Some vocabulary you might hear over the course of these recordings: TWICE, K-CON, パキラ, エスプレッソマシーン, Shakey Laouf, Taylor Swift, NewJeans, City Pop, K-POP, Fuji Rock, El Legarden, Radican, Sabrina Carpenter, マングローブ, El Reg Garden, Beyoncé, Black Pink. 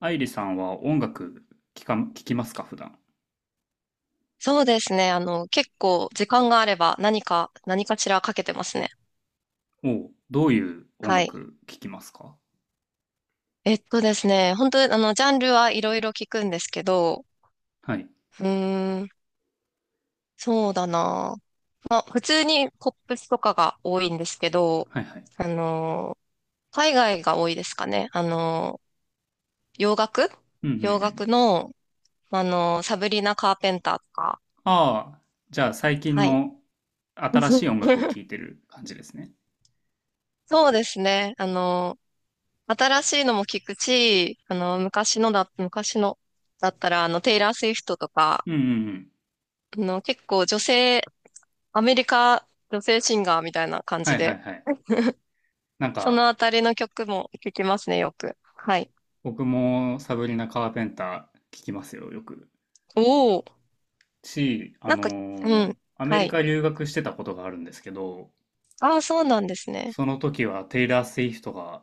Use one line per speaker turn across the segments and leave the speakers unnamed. アイリさんは音楽聞きますか、普段。
そうですね。結構時間があれば何かしらかけてますね。
おう、どういう音
はい。
楽聞きますか？
えっとですね、本当にジャンルはいろいろ聞くんですけど、
はい、
うーん、そうだな。まあ、普通にポップスとかが多いんですけど、
はいはい。
あの、海外が多いですかね。洋楽
うんうんう
洋
ん。
楽の、サブリナ・カーペンターとか、
ああ、じゃあ最近
はい。
の新し い音楽を聴いてる感じですね。
そうですね。新しいのも聞くし、昔のだったら、テイラー・スウィフトとか、
うんうんうん。
結構女性、アメリカ女性シンガーみたいな感
は
じ
いはい
で、
はい。なん
そ
か、
のあたりの曲も聞きますね、よく。はい。
僕もサブリナ・カーペンター聞きますよ、よく。
おお、
あ
なん
の
か、う
ー
ん、
アメ
は
リ
い。
カ留学してたことがあるんですけど、
ああ、そうなんですね。
その時はテイラー・スウィフトが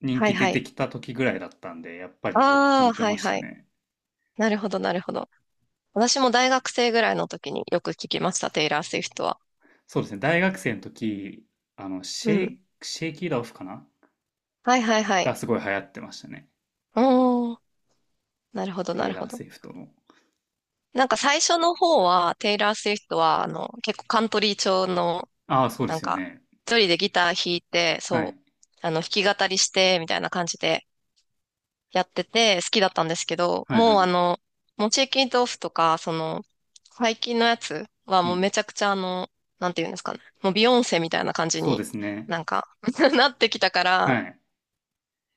人
はい
気出
は
て
い。
きた時ぐらいだったんで、やっぱりよく聞
ああ、
いて
は
ま
い
した
はい。
ね。
なるほど、なるほど。私も大学生ぐらいの時によく聞きました、テイラー・スウィフトは。
そうですね、大学生の時、あの、
うん。
シェイキー・ラオフかな
はいはいはい。
がすごい流行ってましたね。
おお、なるほど、
テ
な
イ
る
ラ
ほ
ー・
ど。
スウィフトの。
なんか最初の方は、テイラー・スウィフトは、結構カントリー調の、
ああ、そうで
なん
すよ
か、
ね。
一人でギター弾いて、
は
そ
い。
う、弾き語りして、みたいな感じでやってて、好きだったんですけど、
はいは
もう
い。
モチーキントーフとか、その、最近のやつは
う
もう
ん。
めちゃくちゃなんていうんですかね、もうビヨンセみたいな感じ
そうで
に
すね。
なんか なってきたか
は
ら、
い。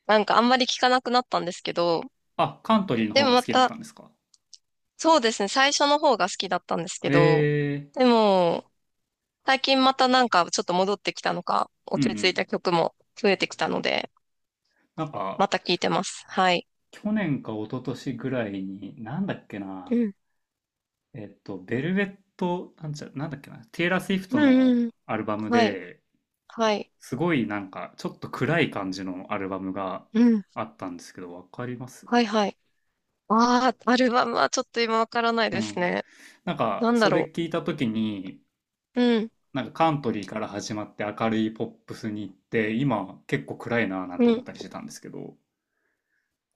なんかあんまり聞かなくなったんですけど、
あ、カントリーの
で
方
も
が
ま
好きだっ
た、
たんですか？
そうですね、最初の方が好きだったんですけ
え
ど、
えー。
でも、最近またなんかちょっと戻ってきたのか、
うんう
落ち着い
ん。
た曲も増えてきたので、
なんか、
また聴いてます。はい。
去年か一昨年ぐらいに、なんだっけ
う
な、
ん。
ベルベット、なんだっけな、テイラー・スウィフ
う
トの
んうん。
アルバム
はい。
で、
はい。
すごいなんかちょっと暗い感じのアルバムが
うん。
あったんですけど、わかります？
はいはい。ああ、アルバムはちょっと今わからない
う
です
ん。
ね。
なんか
なんだ
そ
ろ
れ聞いた時に、
う。うん。
なんかカントリーから始まって明るいポップスに行って、今結構暗いなぁなんて
う
思っ
ん。
たりしてたんですけど、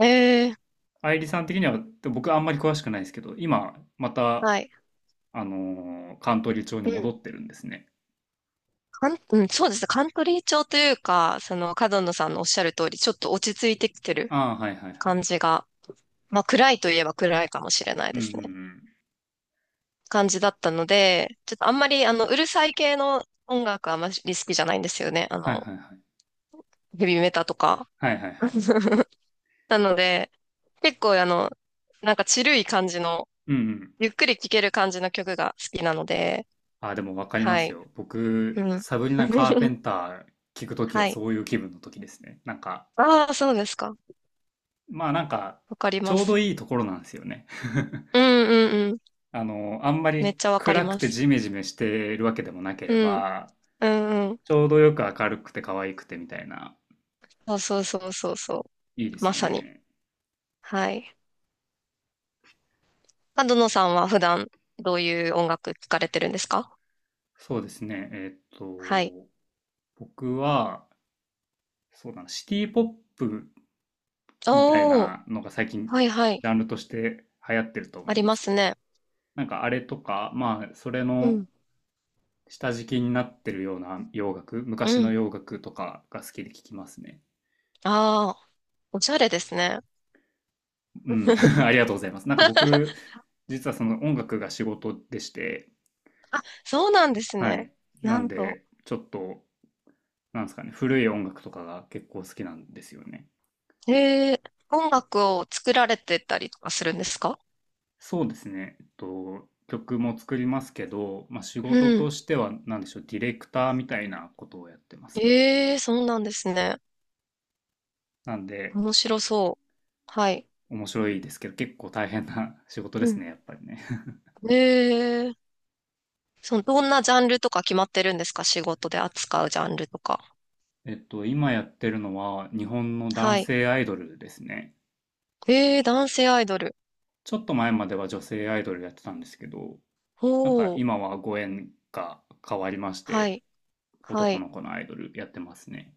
ええ、
愛理さん的には、僕あんまり詳しくないですけど、今また、
はい。
あのーカントリー調に
う
戻
ん。
ってるんですね。
うん、そうですね。カントリー調というか、その、角野さんのおっしゃる通り、ちょっと落ち着いてきてる
ああ、はいはいはい。
感じが、まあ、暗いといえば暗いかもしれない
う
で
んうん
す
う
ね。
ん。
感じだったので、ちょっとあんまりうるさい系の音楽はあまり好きじゃないんですよね。
はいはいはい。
ヘビメタとか。
はいはいはい。
なので、結構なんかチルい感じの、
うんうん。
ゆっくり聴ける感じの曲が好きなので、
あ、でもわかりま
は
す
い。
よ。僕、
うん。
サブリナ・カーペ ンター聞くときは
はい。
そういう気分のときですね。なんか、
ああ、そうですか。
まあなんか、
わかり
ち
ま
ょうど
す。
いいところなんですよね。
うんうんうん。
あの、あんま
めっ
り
ちゃわかり
暗く
ま
て
す。
ジメジメしてるわけでもなけ
う
れ
ん。
ば、
うんうん。
ちょうどよく明るくて可愛くてみたいな、
そうそうそうそうそう。
いいです
ま
よ
さに。
ね。
はい。角野さんは普段どういう音楽聴かれてるんですか？
そうですね。えーっ
はい。
と、僕は、そうだな、シティポップみたい
おー、
なのが最近、ジ
はいはい。
ャンルとして流行ってると
あ
思うん
り
で
ま
すけ
す
ど、
ね。
なんかあれとか、まあ、それ
う
の、
ん。
下敷きになってるような洋楽、
う
昔の
ん。
洋楽とかが好きで聞きますね。
ああ、おしゃれですね。
うん、あり がとうございます。なんか僕、実はその音楽が仕事でして、
そうなんです
は
ね。
い。な
な
ん
んと。
で、ちょっと、なんですかね、古い音楽とかが結構好きなんですよね。
えー、音楽を作られてたりとかするんですか？
そうですね、えっと、曲も作りますけど、まあ、仕
う
事と
ん。
しては、なんでしょう、ディレクターみたいなことをやってますね。
えー、そうなんですね。
なんで、
面白そう。はい。
面白いですけど、結構大変な 仕事で
う
す
ん。
ね、やっぱりね。
えー、その、どんなジャンルとか決まってるんですか？仕事で扱うジャンルとか。
えっと、今やってるのは日本の
は
男
い。
性アイドルですね。
えー、男性アイドル。
ちょっと前までは女性アイドルやってたんですけど、なんか
おー、
今はご縁が変わりまし
は
て、
い。は
男
い。
の子のアイドルやってますね。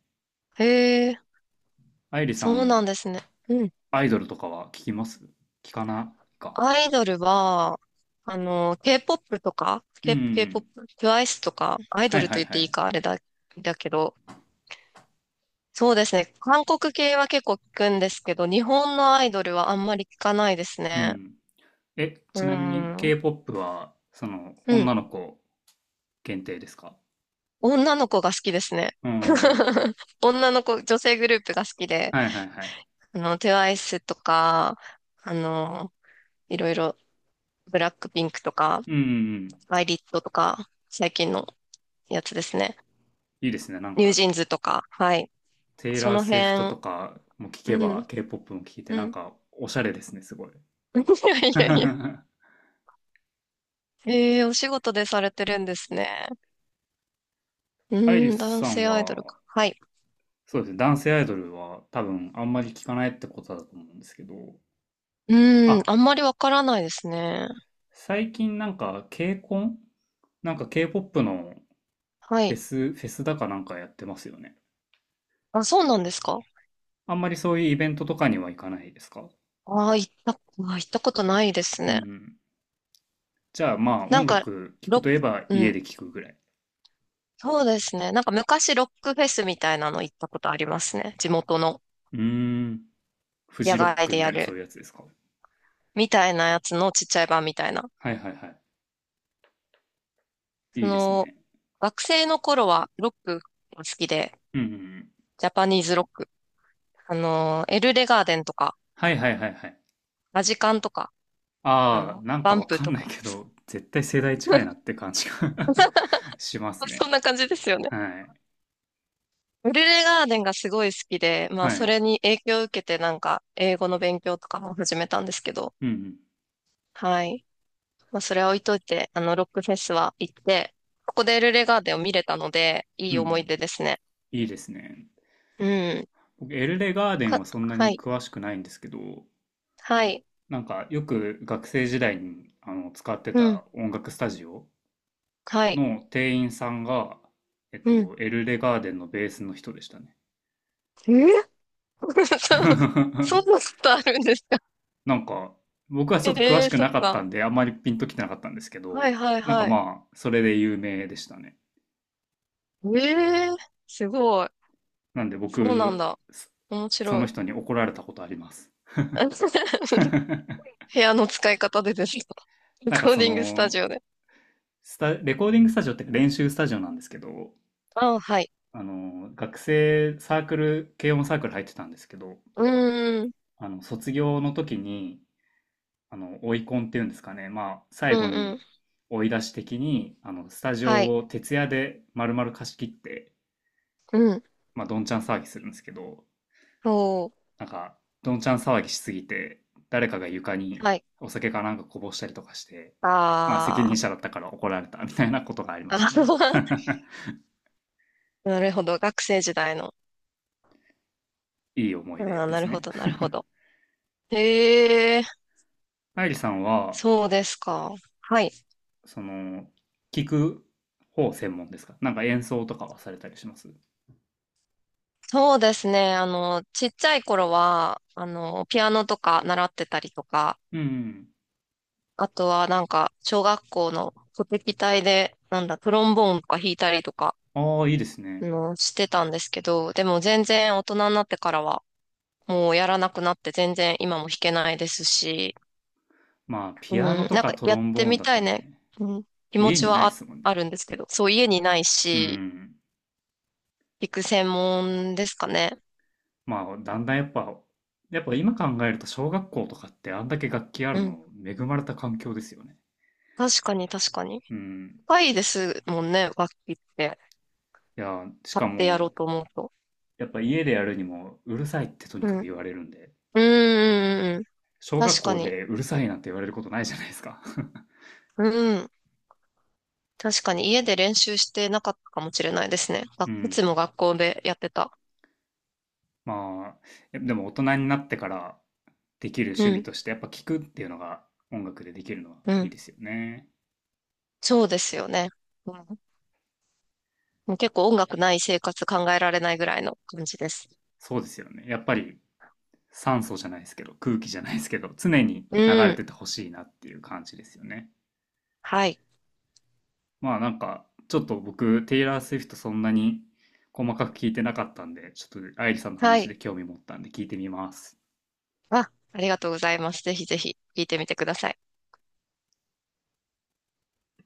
えー、
愛理さ
そうな
ん、
んですね。うん。
アイドルとかは聞きます？聞かないか？
アイドルは、K-POP とか、
うんう ん。
K-POP、TWICE とか、アイド
はい
ル
は
と
い
言っ
は
ていい
い。
か、あれだ、だけど、そうですね。韓国系は結構聞くんですけど、日本のアイドルはあんまり聞かないです
う
ね。
ん。え、
う
ちなみに
ん。う
K-POP は、その、
ん。
女の子限定ですか？
女の子が好きですね。
うんうんうん。
女の子、女性グループが好きで、
はいはいはい。
TWICE とか、あの、いろいろ、ブラックピンクとか、
うんうんうん。
アイリットとか、最近のやつですね。
いいですね。なん
ニュー
か、
ジーンズとか、はい。
テイ
そ
ラー・
の
スウィフト
辺、
とかも聞け
う
ば
ん、
K-POP も聞いて
う
なん
ん。
かおしゃれですね、すごい。
いやいやいや。ええ、お仕事でされてるんですね。う
アイリ
ーん、
ス
男
さん
性アイドル
は、
か。はい。
そうですね、男性アイドルは多分あんまり聞かないってことだと思うんですけど、
うーん、
あ、
あんまりわからないですね。
最近なんか K-CON? なんか K-POP の
はい。
フェスだかなんかやってますよね。
あ、そうなんですか？
あんまりそういうイベントとかには行かないですか？
ああ、行ったことないです
うんう
ね。
ん。じゃあまあ
なん
音
か、
楽聞
ロ
く
ック、
といえば
う
家
ん、
で聞くぐらい。
そうですね。なんか昔ロックフェスみたいなの行ったことありますね。地元の
うーん。フ
野
ジロッ
外
ク
で
みた
や
いなそう
る。
いうやつですか？
みたいなやつのちっちゃい版みたいな。
はいはいはい。
そ
いいです
の、
ね。
学生の頃はロックが好きで、
うんうんうん。
ジャパニーズロック。エルレガーデンとか、
はいはいはいはい。
ラジカンとか、
ああ、なん
バ
か
ン
わ
プ
か
と
んない
か。
けど、絶対世代近いなっ て感じが します
そん
ね。
な感じですよね。
はい。
エルレガーデンがすごい好きで、まあ、
は
そ
い。
れに影響を受けて、なんか、英語の勉強とかも始めたんですけど、
うんうん。
はい。まあ、それは置いといて、ロックフェスは行って、ここでエルレガーデンを見れたので、い
うん
い
う
思い
ん。
出ですね。
いいですね。
うん。
僕、エルレガーデンはそんな
は
に
い。
詳しくないんですけど、
はい。
なんかよく学生時代にあの使って
うん。
た音楽スタジオ
はい。
の店員さんが、えっ
うん。
と、エルレガーデンのベースの人でしたね。
えー、 そんな ことあるんですか？
なんか、僕はち
え、
ょっと詳
え
し
ー、
く
そっ
なかった
か。
んで、あんまりピンときてなかったんですけ
はい
ど、
はい
なんか
はい。
まあ、それで有名でしたね。
ええー、すごい。
なんで
そうなん
僕、
だ。
そ
面
そ
白
の
い。
人に怒られたことあります。
部屋の使い方でですか？レ
な
コ
んか
ー
そ
ディングスタジ
の、
オで。
レコーディングスタジオっていうか練習スタジオなんですけど、
あはい。
あの、学生サークル、軽音サークル入ってたんですけど、
うーん。
あの、卒業の時に、あの、追い込んっていうんですかね、まあ、最
うんう
後に
ん。
追い出し的に、あの、スタジ
はい。
オを徹夜で丸々貸し切って、
うん。
まあ、どんちゃん騒ぎするんですけど、
そ
なんか、どんちゃん騒ぎしすぎて、誰かが床
う。
に
はい。
お酒かなんかこぼしたりとかして、まあ、責
あ
任者
あ。
だったから怒られたみたいなことがありました
あ
ね
ー、 なるほど。学生時代の。
いい思
あ
い出
ー、
で
な
す
るほ
ね。
ど、なるほど。へえ、
愛理さんは、
そうですか。はい。
その、聞く方専門ですか？なんか演奏とかはされたりします？
そうですね。ちっちゃい頃は、ピアノとか習ってたりとか、
うんうん。
あとはなんか、小学校の鼓劇隊で、なんだ、トロンボーンとか弾いたりとか、
ああ、いいですね。
してたんですけど、でも全然大人になってからは、もうやらなくなって全然今も弾けないですし、
まあ、
う
ピアノ
ん、
と
なん
か
か
ト
や
ロ
っ
ンボ
て
ーン
み
だ
た
と
いね、
ね、
うん、気持
家
ち
にな
は
いで
あ、
すもん
ある
ね。
んですけど、そう家にない
う
し、
ん。
弾く専門ですかね。
まあ、だんだんやっぱ、やっぱ今考えると小学校とかってあんだけ楽器あ
う
る
ん。
の恵まれた環境ですよね。
確かに確かに。
うん。
高いですもんね、楽器って。
いや、し
買
か
ってや
も、
ろうと思うと。
やっぱ家でやるにもうるさいってとに
う
か
ん。
く
うん、
言われるんで、
うん、うん。うん、
小学
確か
校
に。
でうるさいなんて言われることないじゃないですか。
うん。確かに家で練習してなかったかもしれないですね。
う
いつ
ん。
も学校でやってた。
まあ、えでも大人になってからできる趣
う
味
ん、
として、やっぱ聴くっていうのが音楽でできるのは
う
いい
ん。
ですよね。
そうですよね。うん、もう結構音楽ない生活考えられないぐらいの感じです。
そうですよね。やっぱり酸素じゃないですけど、空気じゃないですけど、常に流
う
れ
ん。
ててほしいなっていう感じですよね。
はい。
まあなんか、ちょっと僕、テイラー・スウィフトそんなに細かく聞いてなかったんで、ちょっと愛理さんの
は
話で
い。
興味持ったんで聞いてみます。
あ、ありがとうございます。ぜひぜひ聞いてみてください。